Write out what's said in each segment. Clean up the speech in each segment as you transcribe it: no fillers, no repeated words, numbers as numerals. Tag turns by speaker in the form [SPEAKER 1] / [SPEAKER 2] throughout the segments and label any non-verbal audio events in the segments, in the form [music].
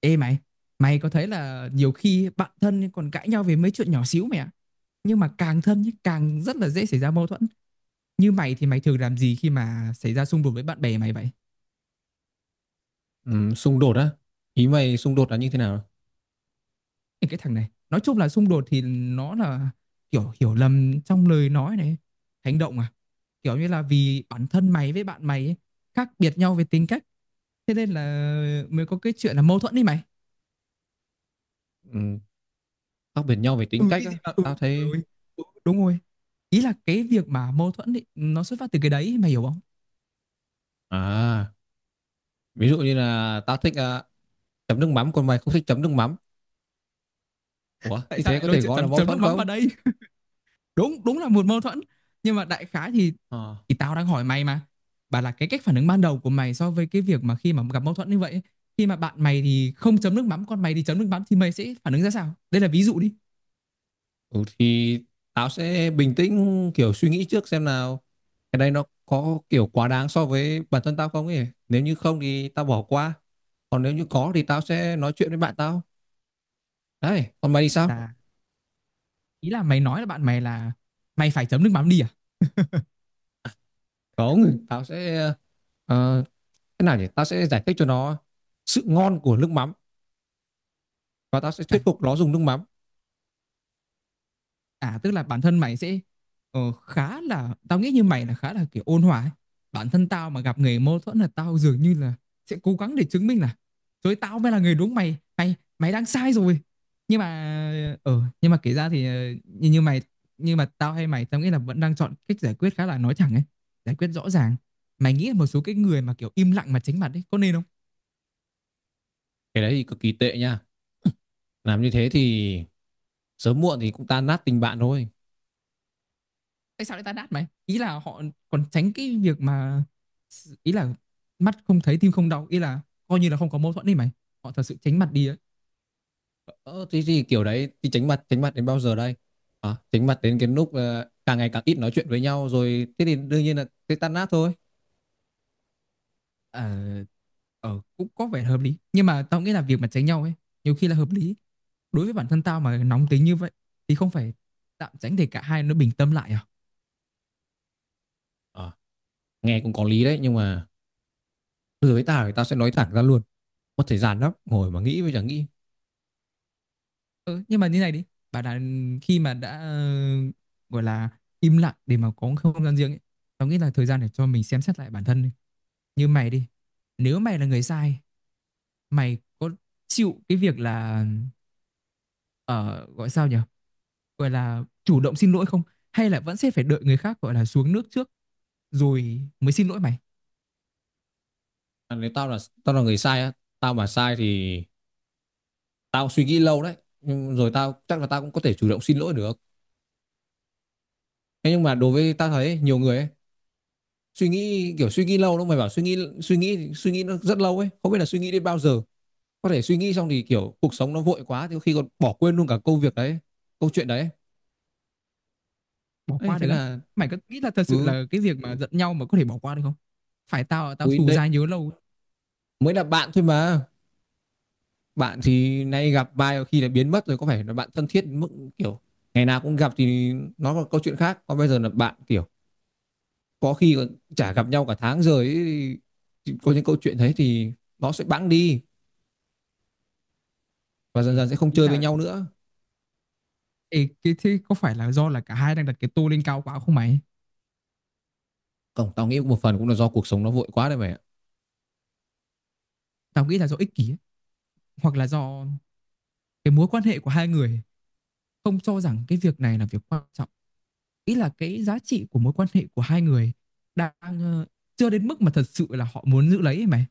[SPEAKER 1] Ê mày, mày có thấy là nhiều khi bạn thân còn cãi nhau về mấy chuyện nhỏ xíu mày ạ? Nhưng mà càng thân nhé, càng rất là dễ xảy ra mâu thuẫn. Như mày thì mày thường làm gì khi mà xảy ra xung đột với bạn bè mày vậy?
[SPEAKER 2] Ừ, xung đột á, ý mày xung đột là như thế nào?
[SPEAKER 1] Ê, cái thằng này, nói chung là xung đột thì nó là kiểu hiểu lầm trong lời nói này, hành động à? Kiểu như là vì bản thân mày với bạn mày ấy, khác biệt nhau về tính cách, thế nên là mới có cái chuyện là mâu thuẫn đi mày.
[SPEAKER 2] Ừ, khác biệt nhau về tính
[SPEAKER 1] Ừ
[SPEAKER 2] cách
[SPEAKER 1] cái gì
[SPEAKER 2] á,
[SPEAKER 1] mà
[SPEAKER 2] tao
[SPEAKER 1] trời
[SPEAKER 2] thấy.
[SPEAKER 1] ơi. Ừ, đúng rồi. Ý là cái việc mà mâu thuẫn ấy, nó xuất phát từ cái đấy, mày hiểu không?
[SPEAKER 2] À, ví dụ như là tao thích, chấm nước mắm còn mày không thích chấm nước mắm. Ủa,
[SPEAKER 1] Tại
[SPEAKER 2] như
[SPEAKER 1] sao
[SPEAKER 2] thế
[SPEAKER 1] lại
[SPEAKER 2] có
[SPEAKER 1] lôi
[SPEAKER 2] thể
[SPEAKER 1] chuyện
[SPEAKER 2] gọi là
[SPEAKER 1] chấm
[SPEAKER 2] mâu
[SPEAKER 1] chấm nước
[SPEAKER 2] thuẫn
[SPEAKER 1] mắm
[SPEAKER 2] không?
[SPEAKER 1] vào đây? Đúng đúng là một mâu thuẫn, nhưng mà đại khái thì
[SPEAKER 2] Ờ.
[SPEAKER 1] thì tao đang hỏi mày mà, bảo là cái cách phản ứng ban đầu của mày so với cái việc mà khi mà gặp mâu thuẫn như vậy, khi mà bạn mày thì không chấm nước mắm còn mày thì chấm nước mắm thì mày sẽ phản ứng ra sao, đây là ví dụ đi.
[SPEAKER 2] Ừ, thì tao sẽ bình tĩnh, kiểu suy nghĩ trước xem nào, cái đây nó có kiểu quá đáng so với bản thân tao không ấy. Nếu như không thì tao bỏ qua, còn nếu như có thì tao sẽ nói chuyện với bạn tao. Đấy, còn mày thì sao?
[SPEAKER 1] Là ý là mày nói là bạn mày là mày phải chấm nước mắm đi à,
[SPEAKER 2] Không, ờ, thế nào nhỉ, ta sẽ giải thích cho nó sự ngon của nước mắm và ta sẽ
[SPEAKER 1] à?
[SPEAKER 2] thuyết phục nó dùng nước mắm.
[SPEAKER 1] À, tức là bản thân mày sẽ, ờ, khá là, tao nghĩ như mày là khá là kiểu ôn hòa ấy. Bản thân tao mà gặp người mâu thuẫn là tao dường như là sẽ cố gắng để chứng minh là, rồi tao mới là người đúng, mày mày mày đang sai rồi. Nhưng mà kể ra thì, như như mày, nhưng mà tao hay mày tao nghĩ là vẫn đang chọn cách giải quyết khá là nói thẳng ấy, giải quyết rõ ràng. Mày nghĩ là một số cái người mà kiểu im lặng mà tránh mặt ấy có nên không?
[SPEAKER 2] Cái đấy thì cực kỳ tệ nha, làm như thế thì sớm muộn thì cũng tan nát tình bạn thôi.
[SPEAKER 1] Tại sao lại tan nát mày? Ý là họ còn tránh cái việc mà, ý là mắt không thấy tim không đau, ý là coi như là không có mâu thuẫn đi mày, họ thật sự tránh mặt đi ấy.
[SPEAKER 2] Ờ, thế thì kiểu đấy thì tránh mặt, tránh mặt đến bao giờ đây? À, tránh mặt đến cái lúc càng ngày càng ít nói chuyện với nhau, rồi thế thì đương nhiên là sẽ tan nát thôi.
[SPEAKER 1] ờ Cũng có vẻ hợp lý, nhưng mà tao nghĩ là việc mà tránh nhau ấy nhiều khi là hợp lý. Đối với bản thân tao mà nóng tính như vậy thì không phải tạm tránh để cả hai nó bình tâm lại à?
[SPEAKER 2] Ờ, nghe cũng có lý đấy, nhưng mà từ với tao thì tao sẽ nói thẳng ra luôn, mất thời gian lắm ngồi mà nghĩ với chẳng nghĩ.
[SPEAKER 1] Ừ, nhưng mà như này đi, bảo là khi mà đã, gọi là im lặng để mà có không gian riêng ấy, tao nghĩ là thời gian để cho mình xem xét lại bản thân đi. Như mày đi, nếu mày là người sai, mày có chịu cái việc là ở, gọi sao nhỉ, gọi là chủ động xin lỗi không, hay là vẫn sẽ phải đợi người khác gọi là xuống nước trước rồi mới xin lỗi mày?
[SPEAKER 2] À, nếu tao là người sai á, tao mà sai thì tao suy nghĩ lâu đấy, nhưng rồi tao chắc là tao cũng có thể chủ động xin lỗi được. Thế nhưng mà đối với ta thấy nhiều người ấy, suy nghĩ kiểu suy nghĩ lâu lắm, mày bảo suy nghĩ, suy nghĩ nó rất lâu ấy, không biết là suy nghĩ đến bao giờ. Có thể suy nghĩ xong thì kiểu cuộc sống nó vội quá thì có khi còn bỏ quên luôn cả công việc đấy, câu chuyện đấy.
[SPEAKER 1] Bỏ
[SPEAKER 2] Ấy
[SPEAKER 1] qua
[SPEAKER 2] thế
[SPEAKER 1] được á?
[SPEAKER 2] là
[SPEAKER 1] Mày có nghĩ là thật sự
[SPEAKER 2] cứ,
[SPEAKER 1] là cái việc mà giận nhau mà có thể bỏ qua được không? Phải tao tao
[SPEAKER 2] ui
[SPEAKER 1] xù
[SPEAKER 2] đấy
[SPEAKER 1] dai nhớ lâu.
[SPEAKER 2] mới là bạn thôi mà. Bạn thì nay gặp vài khi là biến mất rồi, có phải là bạn thân thiết đến mức kiểu ngày nào cũng gặp thì nó là câu chuyện khác. Còn bây giờ là bạn kiểu có khi còn chả gặp nhau cả tháng rồi ấy, thì có những câu chuyện đấy thì nó sẽ bẵng đi và dần
[SPEAKER 1] Thì
[SPEAKER 2] dần sẽ không
[SPEAKER 1] ý
[SPEAKER 2] chơi với
[SPEAKER 1] là
[SPEAKER 2] nhau nữa.
[SPEAKER 1] ê, cái thế có phải là do là cả hai đang đặt cái tô lên cao quá không mày?
[SPEAKER 2] Không, tao nghĩ một phần cũng là do cuộc sống nó vội quá đấy mày ạ.
[SPEAKER 1] Tao nghĩ là do ích kỷ ấy. Hoặc là do cái mối quan hệ của hai người không cho rằng cái việc này là việc quan trọng, nghĩ là cái giá trị của mối quan hệ của hai người đang, chưa đến mức mà thật sự là họ muốn giữ lấy mày.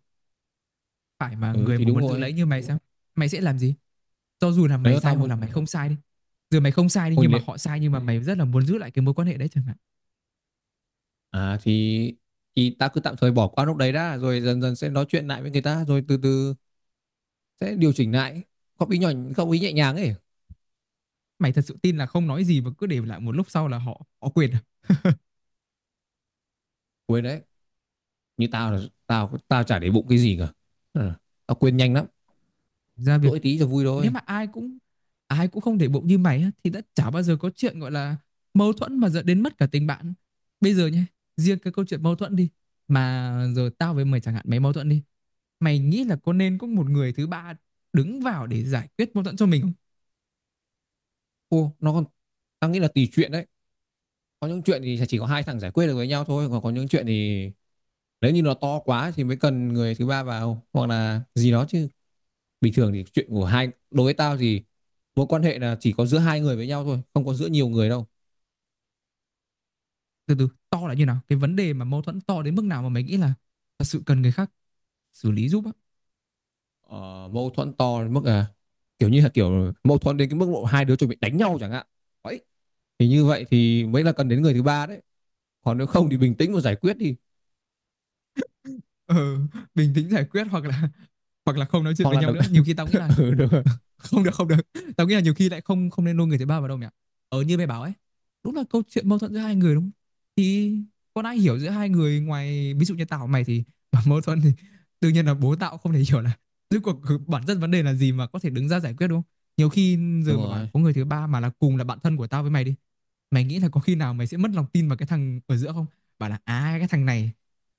[SPEAKER 1] Phải mà
[SPEAKER 2] Ừ
[SPEAKER 1] người
[SPEAKER 2] thì
[SPEAKER 1] mà
[SPEAKER 2] đúng
[SPEAKER 1] muốn giữ
[SPEAKER 2] rồi.
[SPEAKER 1] lấy như mày sao, mày sẽ làm gì, cho dù là mày
[SPEAKER 2] Nếu
[SPEAKER 1] sai
[SPEAKER 2] tao
[SPEAKER 1] hoặc
[SPEAKER 2] muốn
[SPEAKER 1] là mày không sai đi? Dù mày không sai đi
[SPEAKER 2] hôn
[SPEAKER 1] nhưng mà
[SPEAKER 2] luyện,
[SPEAKER 1] họ sai, nhưng mà mày rất là muốn giữ lại cái mối quan hệ đấy chẳng hạn.
[SPEAKER 2] à thì tao cứ tạm thời bỏ qua lúc đấy đã, rồi dần dần sẽ nói chuyện lại với người ta, rồi từ từ sẽ điều chỉnh lại. Góp ý nhỏ, góp ý nhẹ nhàng ấy.
[SPEAKER 1] Mày thật sự tin là không nói gì mà cứ để lại một lúc sau là họ họ quên à?
[SPEAKER 2] Quên đấy. Như tao là tao tao chả để bụng cái gì cả. Ừ, tao quên nhanh lắm.
[SPEAKER 1] Ra việc,
[SPEAKER 2] Dỗi tí cho vui
[SPEAKER 1] nếu
[SPEAKER 2] thôi.
[SPEAKER 1] mà ai cũng không để bụng như mày á, thì đã chả bao giờ có chuyện gọi là mâu thuẫn mà dẫn đến mất cả tình bạn. Bây giờ nhé, riêng cái câu chuyện mâu thuẫn đi, mà giờ tao với mày chẳng hạn, mày mâu thuẫn đi, mày nghĩ là có nên có một người thứ ba đứng vào để giải quyết mâu thuẫn cho mình không?
[SPEAKER 2] Ô, nó còn, tao nghĩ là tùy chuyện đấy. Có những chuyện thì chỉ có hai thằng giải quyết được với nhau thôi, còn có những chuyện thì nếu như nó to quá thì mới cần người thứ ba vào hoặc là gì đó chứ. Bình thường thì chuyện của hai, đối với tao thì mối quan hệ là chỉ có giữa hai người với nhau thôi, không có giữa nhiều người đâu.
[SPEAKER 1] Từ từ, to là như nào? Cái vấn đề mà mâu thuẫn to đến mức nào mà mày nghĩ là thật sự cần người khác xử lý giúp á?
[SPEAKER 2] Ờ, mâu thuẫn to đến mức à, kiểu như là kiểu mâu thuẫn đến cái mức độ hai đứa chuẩn bị đánh nhau chẳng hạn ấy, thì như vậy thì mới là cần đến người thứ ba đấy. Còn nếu không thì bình tĩnh mà giải quyết đi.
[SPEAKER 1] Ừ, bình tĩnh giải quyết, hoặc là không nói chuyện
[SPEAKER 2] Hoặc
[SPEAKER 1] với
[SPEAKER 2] là
[SPEAKER 1] nhau
[SPEAKER 2] đập...
[SPEAKER 1] nữa, nhiều khi tao nghĩ là
[SPEAKER 2] [laughs] Ừ, đúng rồi.
[SPEAKER 1] [laughs] không được, không được, tao nghĩ là nhiều khi lại không không nên lôi người thứ ba vào đâu nhỉ. Như mày bảo ấy, đúng là câu chuyện mâu thuẫn giữa hai người đúng không? Thì con ai hiểu giữa hai người ngoài ví dụ như tao và mày thì [laughs] mâu thuẫn thì đương nhiên là bố tao không thể [laughs] hiểu là rốt cuộc bản chất vấn đề là gì mà có thể đứng ra giải quyết, đúng không? Nhiều khi
[SPEAKER 2] Đúng
[SPEAKER 1] giờ mà bảo
[SPEAKER 2] rồi,
[SPEAKER 1] có người thứ ba mà là cùng là bạn thân của tao với mày đi, mày nghĩ là có khi nào mày sẽ mất lòng tin vào cái thằng ở giữa không? Bảo là à cái thằng này,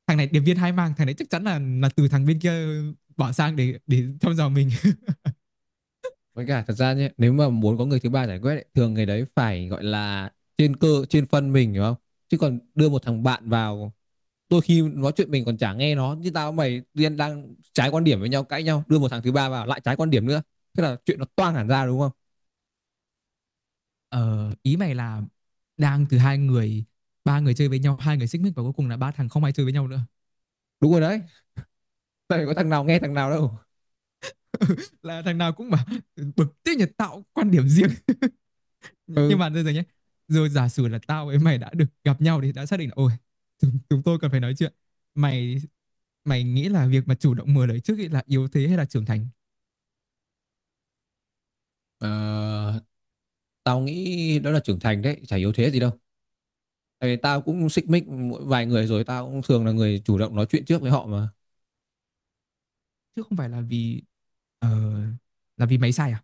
[SPEAKER 1] thằng này điệp viên hai mang, thằng này chắc chắn là từ thằng bên kia bỏ sang để thăm dò mình. [laughs]
[SPEAKER 2] với cả thật ra nhé, nếu mà muốn có người thứ ba giải quyết ấy, thường người đấy phải gọi là trên cơ trên phân, mình hiểu không? Chứ còn đưa một thằng bạn vào, đôi khi nói chuyện mình còn chả nghe nó, như tao mày tiên đang trái quan điểm với nhau, cãi nhau, đưa một thằng thứ ba vào lại trái quan điểm nữa, thế là chuyện nó toang hẳn ra, đúng không?
[SPEAKER 1] Ờ, ý mày là đang từ hai người, ba người chơi với nhau, hai người xích mích và cuối cùng là ba thằng không ai chơi với nhau nữa,
[SPEAKER 2] Đúng rồi đấy, tại có thằng nào nghe thằng nào đâu.
[SPEAKER 1] là thằng nào cũng mà bực tức nhật tạo quan điểm riêng. Nhưng
[SPEAKER 2] Ừ.
[SPEAKER 1] mà bây giờ nhé, rồi giả sử là tao với mày đã được gặp nhau thì đã xác định là ôi, chúng tôi cần phải nói chuyện mày, mày nghĩ là việc mà chủ động mở lời trước ấy là yếu thế hay là trưởng thành?
[SPEAKER 2] Ờ, tao nghĩ đó là trưởng thành đấy, chả yếu thế gì đâu. Tại vì tao cũng xích mích mỗi vài người rồi, tao cũng thường là người chủ động nói chuyện trước với họ mà.
[SPEAKER 1] Chứ không phải là vì, ờ, là vì mày sai à?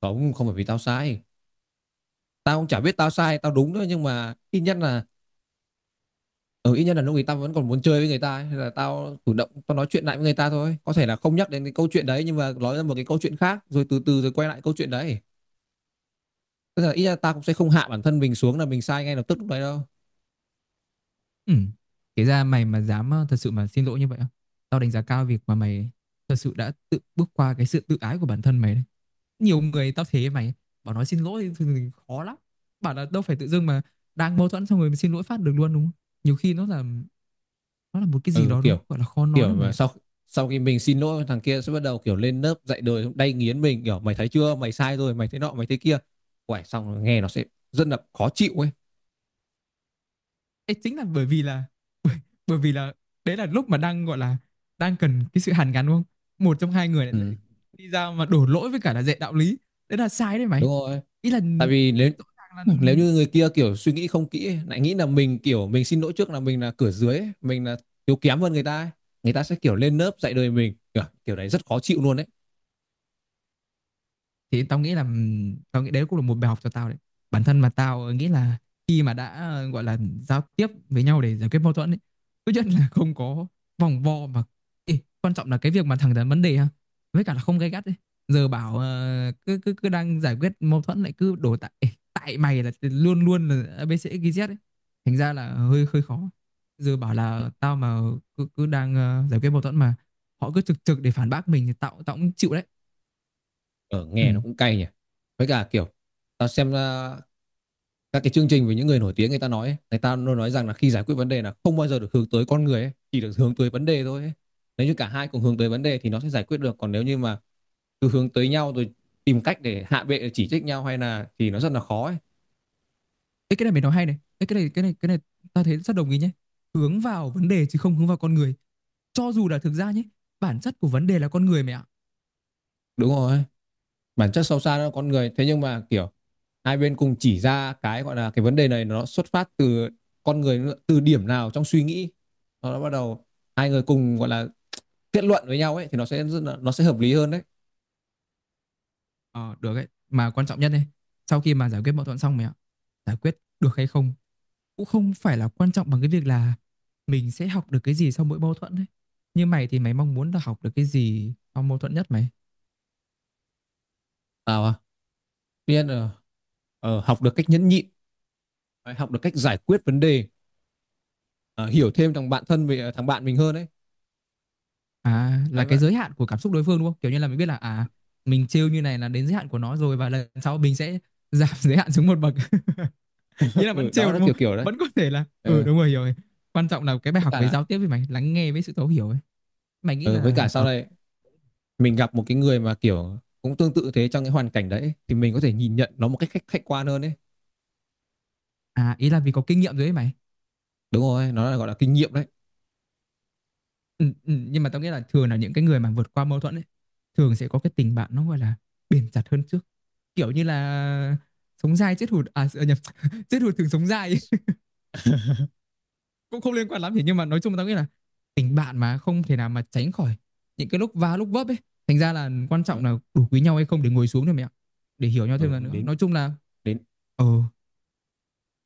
[SPEAKER 2] Không, không phải vì tao sai, tao cũng chả biết tao sai tao đúng nữa, nhưng mà ít nhất là, ừ, ít nhất là lúc ấy tao vẫn còn muốn chơi với người ta ấy. Thế là tao chủ động tao nói chuyện lại với người ta thôi, có thể là không nhắc đến cái câu chuyện đấy, nhưng mà nói ra một cái câu chuyện khác rồi từ từ rồi quay lại câu chuyện đấy. Tức là ít nhất là tao cũng sẽ không hạ bản thân mình xuống là mình sai ngay lập tức lúc đấy đâu.
[SPEAKER 1] Ừ. Kể ra mày mà dám, thật sự mà xin lỗi như vậy á, tao đánh giá cao việc mà mày thật sự đã tự bước qua cái sự tự ái của bản thân mày đấy. Nhiều người tao thế mày, bảo nói xin lỗi thì khó lắm. Bảo là đâu phải tự dưng mà đang mâu thuẫn xong rồi mình xin lỗi phát được luôn đúng không? Nhiều khi nó là một cái gì
[SPEAKER 2] Ừ
[SPEAKER 1] đó
[SPEAKER 2] kiểu,
[SPEAKER 1] nó gọi là khó nói
[SPEAKER 2] kiểu
[SPEAKER 1] lắm mày
[SPEAKER 2] mà
[SPEAKER 1] ạ.
[SPEAKER 2] sau sau khi mình xin lỗi, thằng kia sẽ bắt đầu kiểu lên lớp dạy đời đay nghiến mình, kiểu mày thấy chưa, mày sai rồi, mày thế nọ mày thế kia. Uầy, xong rồi nghe nó sẽ rất là khó chịu ấy.
[SPEAKER 1] Ê, chính là bởi vì là [laughs] bởi, bởi vì là đấy là lúc mà đang gọi là đang cần cái sự hàn gắn đúng không? Một trong hai người lại,
[SPEAKER 2] Ừ,
[SPEAKER 1] lại đi ra mà đổ lỗi với cả là dạy đạo lý. Đấy là sai đấy mày.
[SPEAKER 2] đúng rồi.
[SPEAKER 1] Ý là
[SPEAKER 2] Tại vì nếu
[SPEAKER 1] rõ ràng là,
[SPEAKER 2] Nếu như người kia kiểu suy nghĩ không kỹ ấy, lại nghĩ là mình kiểu mình xin lỗi trước là mình là cửa dưới ấy, mình là yếu kém hơn người ta ấy, người ta sẽ kiểu lên lớp dạy đời mình, kiểu đấy rất khó chịu luôn đấy.
[SPEAKER 1] thì tao nghĩ đấy cũng là một bài học cho tao đấy. Bản thân mà tao nghĩ là khi mà đã, gọi là giao tiếp với nhau để giải quyết mâu thuẫn ấy, tốt nhất là không có vòng vo mà. Ê, quan trọng là cái việc mà thẳng thắn vấn đề ha, với cả là không gay gắt ấy. Giờ bảo cứ cứ cứ đang giải quyết mâu thuẫn lại cứ đổ tại ê, tại mày là luôn luôn là ABC XYZ ấy, thành ra là hơi hơi khó. Giờ bảo là tao mà cứ cứ đang, giải quyết mâu thuẫn mà họ cứ trực trực để phản bác mình thì tao tao cũng chịu đấy.
[SPEAKER 2] Ở,
[SPEAKER 1] Ừ.
[SPEAKER 2] nghe nó cũng cay nhỉ. Với cả kiểu, tao xem à, các cái chương trình về những người nổi tiếng người ta nói ấy, người ta luôn nói rằng là khi giải quyết vấn đề là không bao giờ được hướng tới con người ấy, chỉ được hướng tới vấn đề thôi ấy. Nếu như cả hai cùng hướng tới vấn đề thì nó sẽ giải quyết được. Còn nếu như mà cứ hướng tới nhau rồi tìm cách để hạ bệ chỉ trích nhau hay là thì nó rất là khó ấy.
[SPEAKER 1] Ê, cái này mày nói hay này. Ê, cái này ta thấy rất đồng ý nhé. Hướng vào vấn đề chứ không hướng vào con người. Cho dù là thực ra nhé, bản chất của vấn đề là con người mày ạ.
[SPEAKER 2] Đúng rồi, bản chất sâu xa đó là con người, thế nhưng mà kiểu hai bên cùng chỉ ra cái gọi là cái vấn đề này nó xuất phát từ con người, từ điểm nào trong suy nghĩ nó bắt đầu, hai người cùng gọi là kết luận với nhau ấy, thì nó sẽ, nó sẽ hợp lý hơn đấy.
[SPEAKER 1] Ờ được ấy, mà quan trọng nhất này, sau khi mà giải quyết mâu thuẫn xong mày ạ, giải quyết được hay không cũng không phải là quan trọng bằng cái việc là mình sẽ học được cái gì sau mỗi mâu thuẫn ấy. Như mày thì mày mong muốn là học được cái gì sau mâu thuẫn nhất mày?
[SPEAKER 2] À, tuy nhiên là, ờ, học được cách nhẫn nhịn, học được cách giải quyết vấn đề, ờ, hiểu thêm thằng bạn thân về thằng bạn mình hơn đấy.
[SPEAKER 1] À là
[SPEAKER 2] Đấy
[SPEAKER 1] cái
[SPEAKER 2] vậy.
[SPEAKER 1] giới hạn của cảm xúc đối phương đúng không? Kiểu như là mình biết là à mình trêu như này là đến giới hạn của nó rồi và lần sau mình sẽ giảm [laughs] giới hạn xuống một bậc. [laughs] Ý
[SPEAKER 2] [laughs]
[SPEAKER 1] là
[SPEAKER 2] Ừ,
[SPEAKER 1] vẫn
[SPEAKER 2] đó
[SPEAKER 1] trêu
[SPEAKER 2] là
[SPEAKER 1] đúng không,
[SPEAKER 2] kiểu kiểu đấy.
[SPEAKER 1] vẫn có thể là ừ
[SPEAKER 2] Ờ,
[SPEAKER 1] đúng rồi hiểu rồi. Quan trọng là cái bài
[SPEAKER 2] với
[SPEAKER 1] học
[SPEAKER 2] cả
[SPEAKER 1] về
[SPEAKER 2] là,
[SPEAKER 1] giao tiếp với mày, lắng nghe với sự thấu hiểu ấy. Mày nghĩ
[SPEAKER 2] ờ, với cả
[SPEAKER 1] là
[SPEAKER 2] sau này mình gặp một cái người mà kiểu cũng tương tự thế trong cái hoàn cảnh đấy, thì mình có thể nhìn nhận nó một cách khách khách quan hơn đấy.
[SPEAKER 1] à ý là vì có kinh nghiệm rồi ấy mày.
[SPEAKER 2] Đúng rồi, nó là gọi là kinh nghiệm đấy.
[SPEAKER 1] Ừ, ừ, nhưng mà tao nghĩ là thường là những cái người mà vượt qua mâu thuẫn ấy thường sẽ có cái tình bạn nó gọi là bền chặt hơn trước, kiểu như là sống dai chết hụt, à nhầm, [laughs] chết hụt thường sống dai ấy. [laughs] Cũng không liên quan lắm thì, nhưng mà nói chung là tao nghĩ là tình bạn mà không thể nào mà tránh khỏi những cái lúc va lúc vấp ấy, thành ra là quan
[SPEAKER 2] Ờ,
[SPEAKER 1] trọng là đủ quý nhau hay không để ngồi xuống thôi mẹ ạ, để hiểu nhau
[SPEAKER 2] ừ,
[SPEAKER 1] thêm lần nữa,
[SPEAKER 2] đến
[SPEAKER 1] nói chung là
[SPEAKER 2] đến
[SPEAKER 1] ờ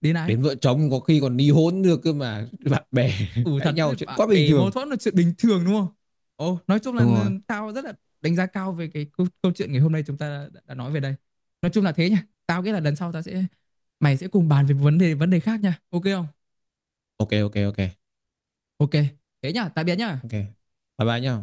[SPEAKER 1] đến này.
[SPEAKER 2] đến vợ chồng có khi còn ly hôn được cơ mà, bạn bè
[SPEAKER 1] Ừ
[SPEAKER 2] [laughs] cãi
[SPEAKER 1] thật
[SPEAKER 2] nhau
[SPEAKER 1] chứ
[SPEAKER 2] chuyện
[SPEAKER 1] bạn
[SPEAKER 2] quá bình
[SPEAKER 1] mâu
[SPEAKER 2] thường.
[SPEAKER 1] thuẫn là chuyện bình thường đúng không? Ồ, nói chung là
[SPEAKER 2] Đúng rồi.
[SPEAKER 1] tao rất là đánh giá cao về cái câu chuyện ngày hôm nay chúng ta đã nói về đây. Nói chung là thế nha. Tao nghĩ là lần sau tao sẽ mày sẽ cùng bàn về vấn đề khác nha. Ok không?
[SPEAKER 2] Ok ok ok.
[SPEAKER 1] Ok. Thế nha, tạm biệt nha.
[SPEAKER 2] Ok, bye bye nhá.